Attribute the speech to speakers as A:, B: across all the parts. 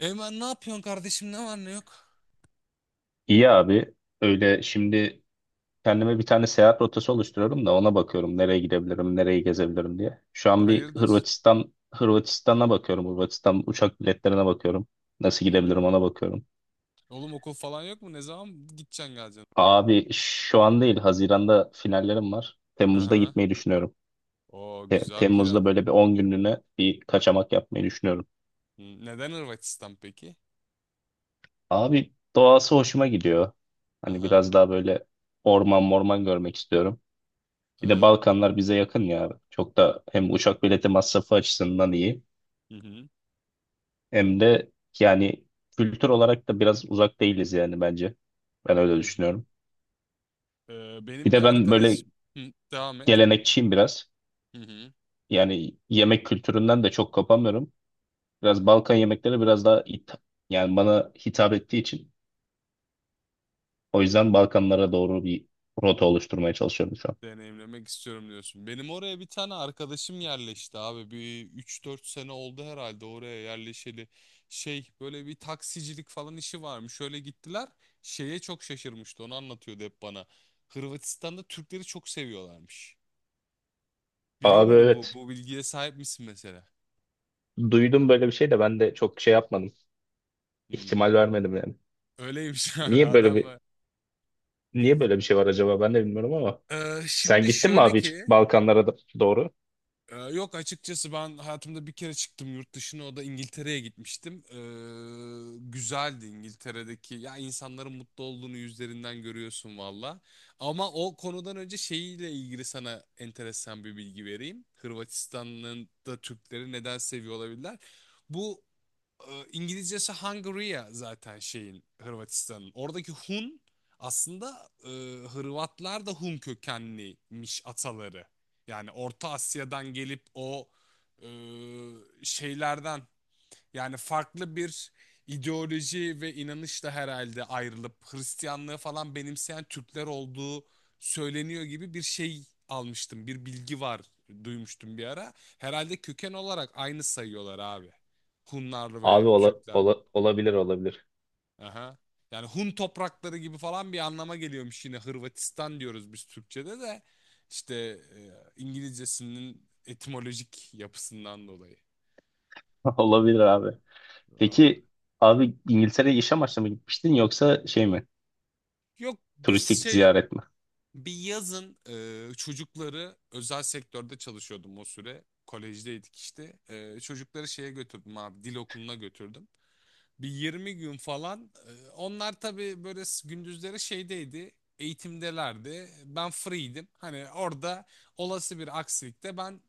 A: Eymen ne yapıyorsun kardeşim, ne var ne yok?
B: İyi abi. Öyle şimdi kendime bir tane seyahat rotası oluşturuyorum da ona bakıyorum nereye gidebilirim, nereyi gezebilirim diye. Şu an bir
A: Hayırdır?
B: Hırvatistan'a bakıyorum. Hırvatistan uçak biletlerine bakıyorum. Nasıl gidebilirim
A: Hmm.
B: ona bakıyorum.
A: Oğlum okul falan yok mu? Ne zaman gideceksin geleceksin oraya?
B: Abi şu an değil, Haziran'da finallerim var.
A: Hı
B: Temmuz'da
A: hı.
B: gitmeyi düşünüyorum.
A: Oo, güzel plan.
B: Temmuz'da böyle bir 10 günlüğüne bir kaçamak yapmayı düşünüyorum.
A: Neden Hırvatistan peki?
B: Abi doğası hoşuma gidiyor.
A: Hı
B: Hani
A: hı.
B: biraz daha böyle orman morman görmek istiyorum. Bir de
A: Evet.
B: Balkanlar bize yakın ya. Çok da hem uçak bileti masrafı açısından iyi
A: Hı hı.
B: hem de yani kültür olarak da biraz uzak değiliz yani bence. Ben öyle
A: Hı hı.
B: düşünüyorum.
A: Ee,
B: Bir
A: benim bir
B: de ben
A: arkadaş...
B: böyle
A: Hı, devam et.
B: gelenekçiyim biraz.
A: Hı hı.
B: Yani yemek kültüründen de çok kopamıyorum. Biraz Balkan yemekleri biraz daha yani bana hitap ettiği için. O yüzden Balkanlara doğru bir rota oluşturmaya çalışıyorum şu an.
A: Deneyimlemek istiyorum diyorsun. Benim oraya bir tane arkadaşım yerleşti abi. Bir üç dört sene oldu herhalde oraya yerleşeli. Şey, böyle bir taksicilik falan işi varmış. Şöyle gittiler. Şeye çok şaşırmıştı. Onu anlatıyordu hep bana. Hırvatistan'da Türkleri çok seviyorlarmış. Biliyor
B: Abi
A: muydun, bu
B: evet.
A: bu bilgiye sahip misin mesela?
B: Duydum böyle bir şey de ben de çok şey yapmadım.
A: Hmm.
B: İhtimal vermedim yani.
A: Öyleymiş abi
B: Niye böyle
A: adam.
B: bir Niye böyle bir şey var acaba ben de bilmiyorum ama.
A: Ee,
B: Sen
A: şimdi
B: gittin mi
A: şöyle
B: abi hiç
A: ki,
B: Balkanlara doğru?
A: yok açıkçası ben hayatımda bir kere çıktım yurt dışına, o da İngiltere'ye gitmiştim. Güzeldi İngiltere'deki, ya, insanların mutlu olduğunu yüzlerinden görüyorsun valla. Ama o konudan önce şeyiyle ilgili sana enteresan bir bilgi vereyim. Hırvatistan'ın da Türkleri neden seviyor olabilirler? Bu İngilizcesi Hungaria zaten şeyin, Hırvatistan'ın. Oradaki Hun aslında Hırvatlar da Hun kökenliymiş ataları. Yani Orta Asya'dan gelip o e, şeylerden, yani farklı bir ideoloji ve inanışla herhalde ayrılıp Hristiyanlığı falan benimseyen Türkler olduğu söyleniyor gibi bir şey almıştım. Bir bilgi var, duymuştum bir ara. Herhalde köken olarak aynı sayıyorlar abi, Hunlar ve
B: Abi
A: Türkler.
B: olabilir olabilir.
A: Aha. Yani Hun toprakları gibi falan bir anlama geliyormuş, yine Hırvatistan diyoruz biz Türkçe'de de işte İngilizcesinin etimolojik yapısından dolayı.
B: Olabilir abi.
A: Vallahi.
B: Peki abi İngiltere'ye iş amaçlı mı gitmiştin yoksa şey mi?
A: Yok, biz
B: Turistik
A: şey.
B: ziyaret mi?
A: Bir yazın çocukları, özel sektörde çalışıyordum o süre. Kolejdeydik işte. Çocukları şeye götürdüm abi, dil okuluna götürdüm. Bir 20 gün falan. Onlar tabii böyle gündüzleri şeydeydi. Eğitimdelerdi. Ben free'ydim. Hani orada olası bir aksilikte ben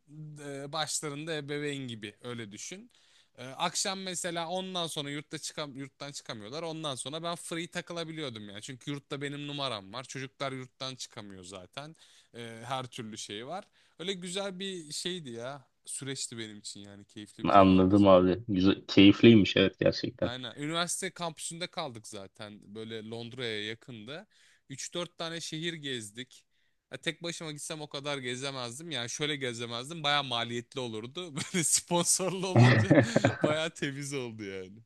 A: başlarında ebeveyn gibi, öyle düşün. Akşam mesela ondan sonra yurttan çıkamıyorlar. Ondan sonra ben free takılabiliyordum yani. Çünkü yurtta benim numaram var, çocuklar yurttan çıkamıyor zaten. Her türlü şey var. Öyle güzel bir şeydi ya. Süreçti benim için yani. Keyifli bir zaman
B: Anladım
A: geçirdim.
B: abi. Güzel, keyifliymiş evet gerçekten.
A: Aynen. Üniversite kampüsünde kaldık zaten, böyle Londra'ya yakında. Üç dört tane şehir gezdik. Ya tek başıma gitsem o kadar gezemezdim. Yani şöyle gezemezdim, baya maliyetli olurdu. Böyle sponsorlu olunca baya temiz oldu yani.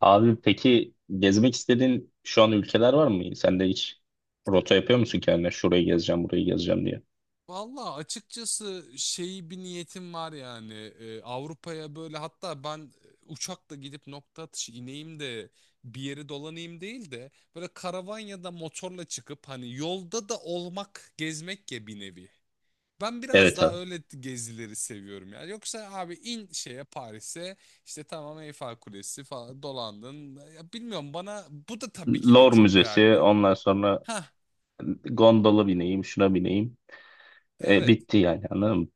B: Abi peki gezmek istediğin şu an ülkeler var mı? Sen de hiç rota yapıyor musun kendine? Şurayı gezeceğim, burayı gezeceğim diye.
A: Valla, açıkçası şeyi bir niyetim var yani. Avrupa'ya böyle, hatta ben uçakla gidip nokta atışı ineyim de bir yeri dolanayım değil de, böyle karavan ya da motorla çıkıp hani yolda da olmak, gezmek ya, bir nevi. Ben biraz
B: Evet
A: daha
B: abi.
A: öyle gezileri seviyorum yani. Yoksa abi, in şeye Paris'e, işte tamam Eyfel Kulesi falan dolandın. Ya bilmiyorum, bana bu da tabii ki de
B: Louvre
A: çok
B: Müzesi,
A: değerli.
B: ondan sonra
A: Ha,
B: gondola bineyim, şuna bineyim.
A: evet.
B: Bitti yani anladın mı?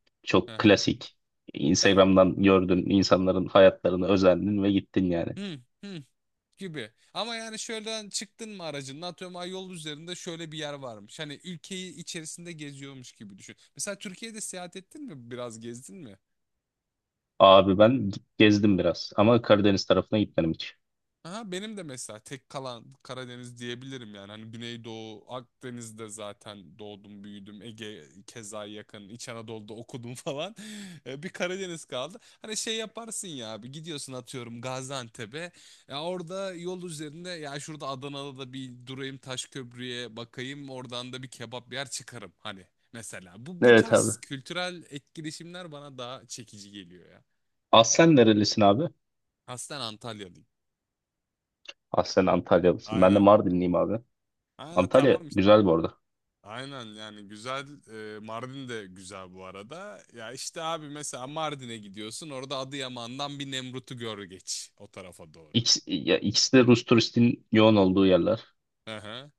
A: Hı
B: Çok
A: hı.
B: klasik.
A: Ya,
B: Instagram'dan gördün insanların hayatlarını özendin ve gittin yani.
A: hı hı gibi. Ama yani şöyle, çıktın mı aracın, atıyorum ay yol üzerinde şöyle bir yer varmış. Hani ülkeyi içerisinde geziyormuş gibi düşün. Mesela Türkiye'de seyahat ettin mi? Biraz gezdin mi?
B: Abi ben gezdim biraz ama Karadeniz tarafına gitmedim hiç.
A: Aha, benim de mesela tek kalan Karadeniz diyebilirim yani. Hani Güneydoğu, Akdeniz'de zaten doğdum, büyüdüm. Ege keza yakın, İç Anadolu'da okudum falan. Bir Karadeniz kaldı. Hani şey yaparsın ya abi, gidiyorsun atıyorum Gaziantep'e. Ya orada yol üzerinde, ya şurada Adana'da da bir durayım, Taşköprü'ye bakayım. Oradan da bir kebap yer çıkarım hani, mesela. Bu
B: Evet abi.
A: tarz kültürel etkileşimler bana daha çekici geliyor ya.
B: Aslen nerelisin abi?
A: Aslen Antalyalıyım.
B: Aslen Antalyalısın. Ben de
A: Aynen.
B: Mardinliyim abi.
A: Ha,
B: Antalya
A: tamam.
B: güzel bu arada.
A: Aynen, yani güzel. Mardin de güzel bu arada. Ya işte abi, mesela Mardin'e gidiyorsun, orada Adıyaman'dan bir Nemrut'u gör, geç o tarafa doğru.
B: İkisi, ya, ikisi de Rus turistin yoğun olduğu yerler.
A: Hı hı.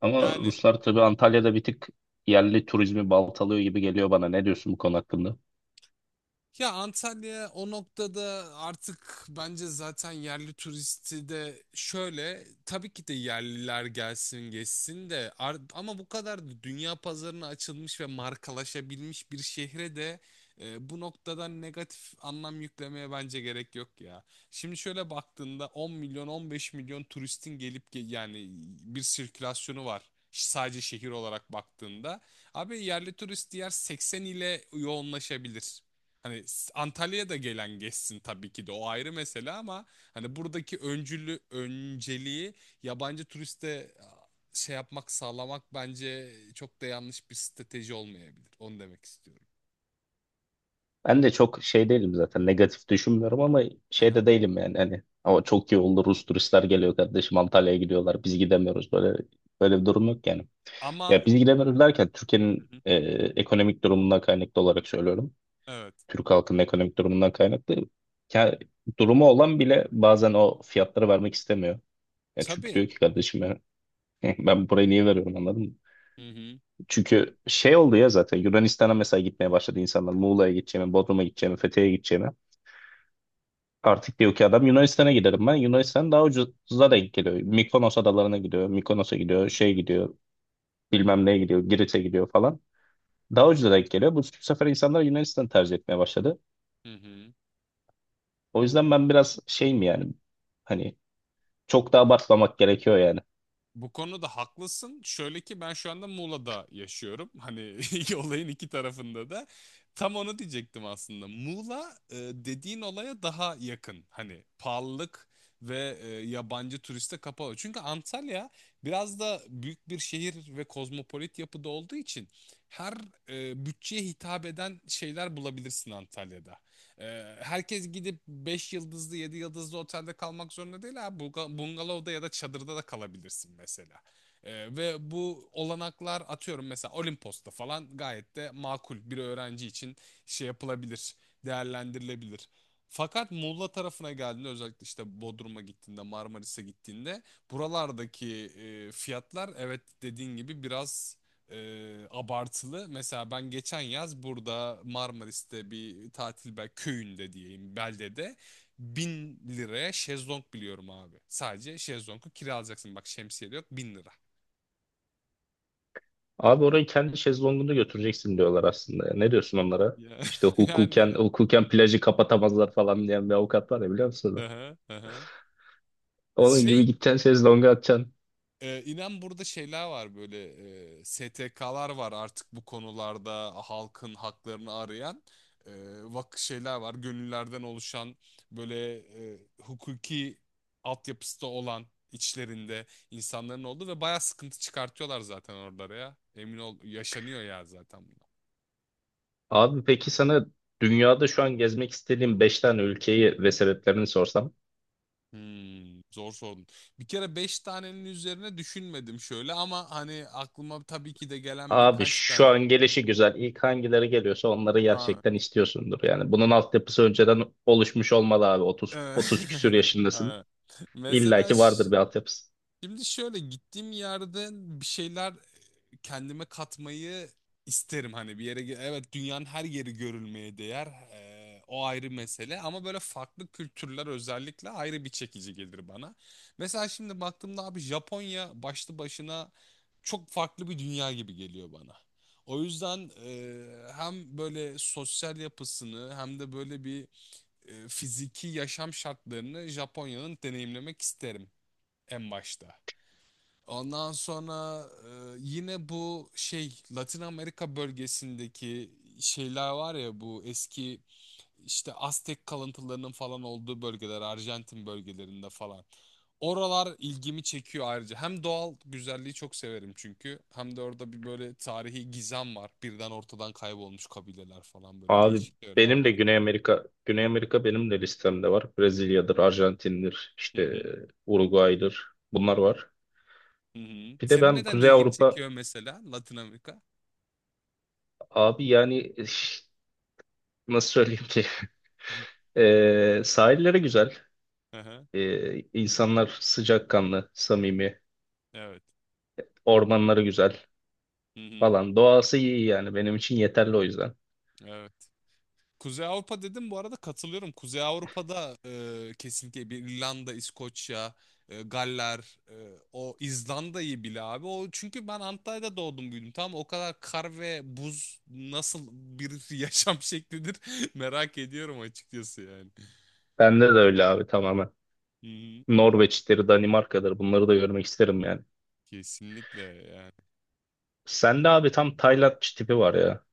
B: Ama
A: Yani.
B: Ruslar tabii Antalya'da bir tık yerli turizmi baltalıyor gibi geliyor bana. Ne diyorsun bu konu hakkında?
A: Ya Antalya o noktada artık bence, zaten yerli turisti de şöyle tabii ki de yerliler gelsin geçsin de ama bu kadar da dünya pazarına açılmış ve markalaşabilmiş bir şehre de bu noktadan negatif anlam yüklemeye bence gerek yok ya. Şimdi şöyle baktığında 10 milyon, 15 milyon turistin gelip yani bir sirkülasyonu var. Sadece şehir olarak baktığında abi, yerli turist diğer 80 ile yoğunlaşabilir. Hani Antalya'ya da gelen geçsin tabii ki de, o ayrı mesele ama hani buradaki öncülü, önceliği yabancı turiste şey yapmak, sağlamak bence çok da yanlış bir strateji olmayabilir. Onu demek istiyorum.
B: Ben de çok şey değilim zaten negatif düşünmüyorum ama şey
A: Aha.
B: de değilim yani hani ama çok iyi oldu Rus turistler geliyor kardeşim Antalya'ya gidiyorlar biz gidemiyoruz böyle böyle bir durum yok yani.
A: Ama.
B: Ya biz gidemiyoruz derken Türkiye'nin
A: Hı hı.
B: ekonomik durumundan kaynaklı olarak söylüyorum.
A: Evet.
B: Türk halkının ekonomik durumundan kaynaklı. Ya, durumu olan bile bazen o fiyatları vermek istemiyor. Ya çünkü
A: Tabii.
B: diyor ki kardeşim ya, ben burayı niye veriyorum anladın mı?
A: Hı hı.
B: Çünkü şey oldu ya zaten Yunanistan'a mesela gitmeye başladı insanlar. Muğla'ya gideceğimi, Bodrum'a gideceğimi, Fethiye'ye gideceğimi. Artık diyor ki adam Yunanistan'a giderim ben. Yunanistan daha ucuza denk geliyor. Mikonos adalarına gidiyor. Mikonos'a
A: Hı
B: gidiyor.
A: hı.
B: Şey gidiyor. Bilmem neye gidiyor. Girit'e gidiyor falan. Daha ucuza denk geliyor. Bu sefer insanlar Yunanistan'ı tercih etmeye başladı.
A: Hı hı.
B: O yüzden ben biraz şeyim yani. Hani çok da abartmamak gerekiyor yani.
A: Bu konuda haklısın. Şöyle ki ben şu anda Muğla'da yaşıyorum. Hani olayın iki tarafında da. Tam onu diyecektim aslında. Muğla dediğin olaya daha yakın. Hani pahalılık ve yabancı turiste kapalı. Çünkü Antalya biraz da büyük bir şehir ve kozmopolit yapıda olduğu için her bütçeye hitap eden şeyler bulabilirsin Antalya'da. Herkes gidip 5 yıldızlı, 7 yıldızlı otelde kalmak zorunda değil ha, Bungalovda ya da çadırda da kalabilirsin mesela. Ve bu olanaklar, atıyorum mesela Olimpos'ta falan gayet de makul, bir öğrenci için şey yapılabilir, değerlendirilebilir. Fakat Muğla tarafına geldiğinde, özellikle işte Bodrum'a gittiğinde, Marmaris'e gittiğinde buralardaki fiyatlar evet dediğin gibi biraz abartılı. Mesela ben geçen yaz burada Marmaris'te bir tatil, bel köyünde diyeyim, beldede 1.000 liraya şezlong biliyorum abi. Sadece şezlongu kiralayacaksın. Bak, şemsiye de yok, 1.000 lira.
B: Abi orayı kendi şezlongunda götüreceksin diyorlar aslında. Ne diyorsun onlara?
A: Ya,
B: İşte hukuken,
A: yani.
B: hukuken plajı kapatamazlar falan diyen bir avukat var ya biliyor musun onu?
A: Aha, aha.
B: Onun
A: Şey.
B: gibi gideceksin şezlonga atacaksın.
A: İnan burada şeyler var, böyle STK'lar var artık bu konularda halkın haklarını arayan, e, vak şeyler var gönüllerden oluşan, böyle hukuki altyapısı da olan içlerinde insanların olduğu, ve baya sıkıntı çıkartıyorlar zaten oralara, ya emin ol yaşanıyor ya zaten bunlar.
B: Abi peki sana dünyada şu an gezmek istediğin 5 tane ülkeyi ve sebeplerini sorsam.
A: Zor sordun. Bir kere 5 tanenin üzerine düşünmedim şöyle, ama hani aklıma tabii ki de gelen
B: Abi
A: birkaç
B: şu
A: tane.
B: an gelişi güzel. İlk hangileri geliyorsa onları gerçekten istiyorsundur. Yani bunun altyapısı önceden oluşmuş olmalı abi.
A: Eee,
B: 30 küsür yaşındasın.
A: evet.
B: İlla
A: Mesela
B: ki vardır bir altyapısı.
A: şimdi şöyle, gittiğim yerde bir şeyler kendime katmayı isterim, hani bir yere evet, dünyanın her yeri görülmeye değer, o ayrı mesele ama böyle farklı kültürler özellikle ayrı bir çekici gelir bana. Mesela şimdi baktığımda abi, Japonya başlı başına çok farklı bir dünya gibi geliyor bana. O yüzden hem böyle sosyal yapısını hem de böyle bir fiziki yaşam şartlarını Japonya'nın deneyimlemek isterim en başta. Ondan sonra yine bu şey, Latin Amerika bölgesindeki şeyler var ya, bu eski işte Aztek kalıntılarının falan olduğu bölgeler, Arjantin bölgelerinde falan. Oralar ilgimi çekiyor ayrıca. Hem doğal güzelliği çok severim çünkü, hem de orada bir böyle tarihi gizem var. Birden ortadan kaybolmuş kabileler falan, böyle
B: Abi
A: değişik yerler
B: benim de
A: var.
B: Güney Amerika, Güney Amerika benim de listemde var. Brezilya'dır, Arjantin'dir, işte Uruguay'dır. Bunlar var.
A: Hı hı.
B: Bir de
A: Senin
B: ben
A: neden
B: Kuzey
A: ilgini
B: Avrupa
A: çekiyor mesela Latin Amerika?
B: abi yani nasıl söyleyeyim ki?
A: Hı
B: Sahilleri güzel.
A: hı.
B: İnsanlar sıcakkanlı, samimi,
A: Evet.
B: ormanları güzel
A: Hı hı.
B: falan. Doğası iyi yani benim için yeterli o yüzden.
A: Evet. Kuzey Avrupa dedim bu arada, katılıyorum. Kuzey Avrupa'da kesinlikle bir İrlanda, İskoçya, Galler, o İzlanda'yı bile abi. O çünkü ben Antalya'da doğdum büyüdüm, tamam. O kadar kar ve buz nasıl bir yaşam şeklidir merak ediyorum açıkçası yani.
B: Bende de öyle abi tamamen.
A: Hı hı.
B: Norveç'tir, Danimarka'dır bunları da görmek isterim yani.
A: Kesinlikle yani.
B: Sende abi tam Tayland tipi var ya.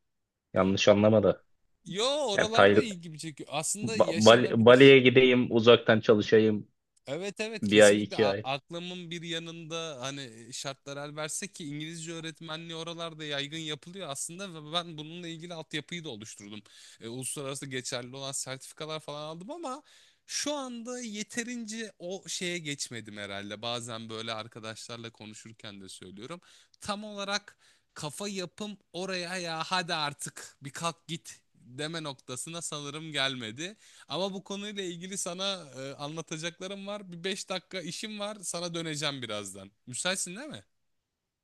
B: Yanlış anlama da.
A: Yo,
B: Yani
A: oralarda ilgimi çekiyor. Aslında yaşanabilir.
B: Bali'ye gideyim, uzaktan çalışayım,
A: Evet, evet,
B: bir ay,
A: kesinlikle.
B: iki ay.
A: Aklımın bir yanında hani şartlar el verse ki, İngilizce öğretmenliği oralarda yaygın yapılıyor aslında, ve ben bununla ilgili altyapıyı da oluşturdum. Uluslararası geçerli olan sertifikalar falan aldım, ama şu anda yeterince o şeye geçmedim herhalde. Bazen böyle arkadaşlarla konuşurken de söylüyorum. Tam olarak kafa yapım oraya, ya hadi artık bir kalk git deme noktasına sanırım gelmedi. Ama bu konuyla ilgili sana anlatacaklarım var. Bir 5 dakika işim var. Sana döneceğim birazdan. Müsaitsin değil mi?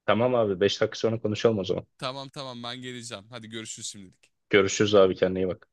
B: Tamam abi. 5 dakika sonra konuşalım o zaman.
A: Tamam, tamam, ben geleceğim. Hadi görüşürüz şimdilik.
B: Görüşürüz abi. Kendine iyi bak.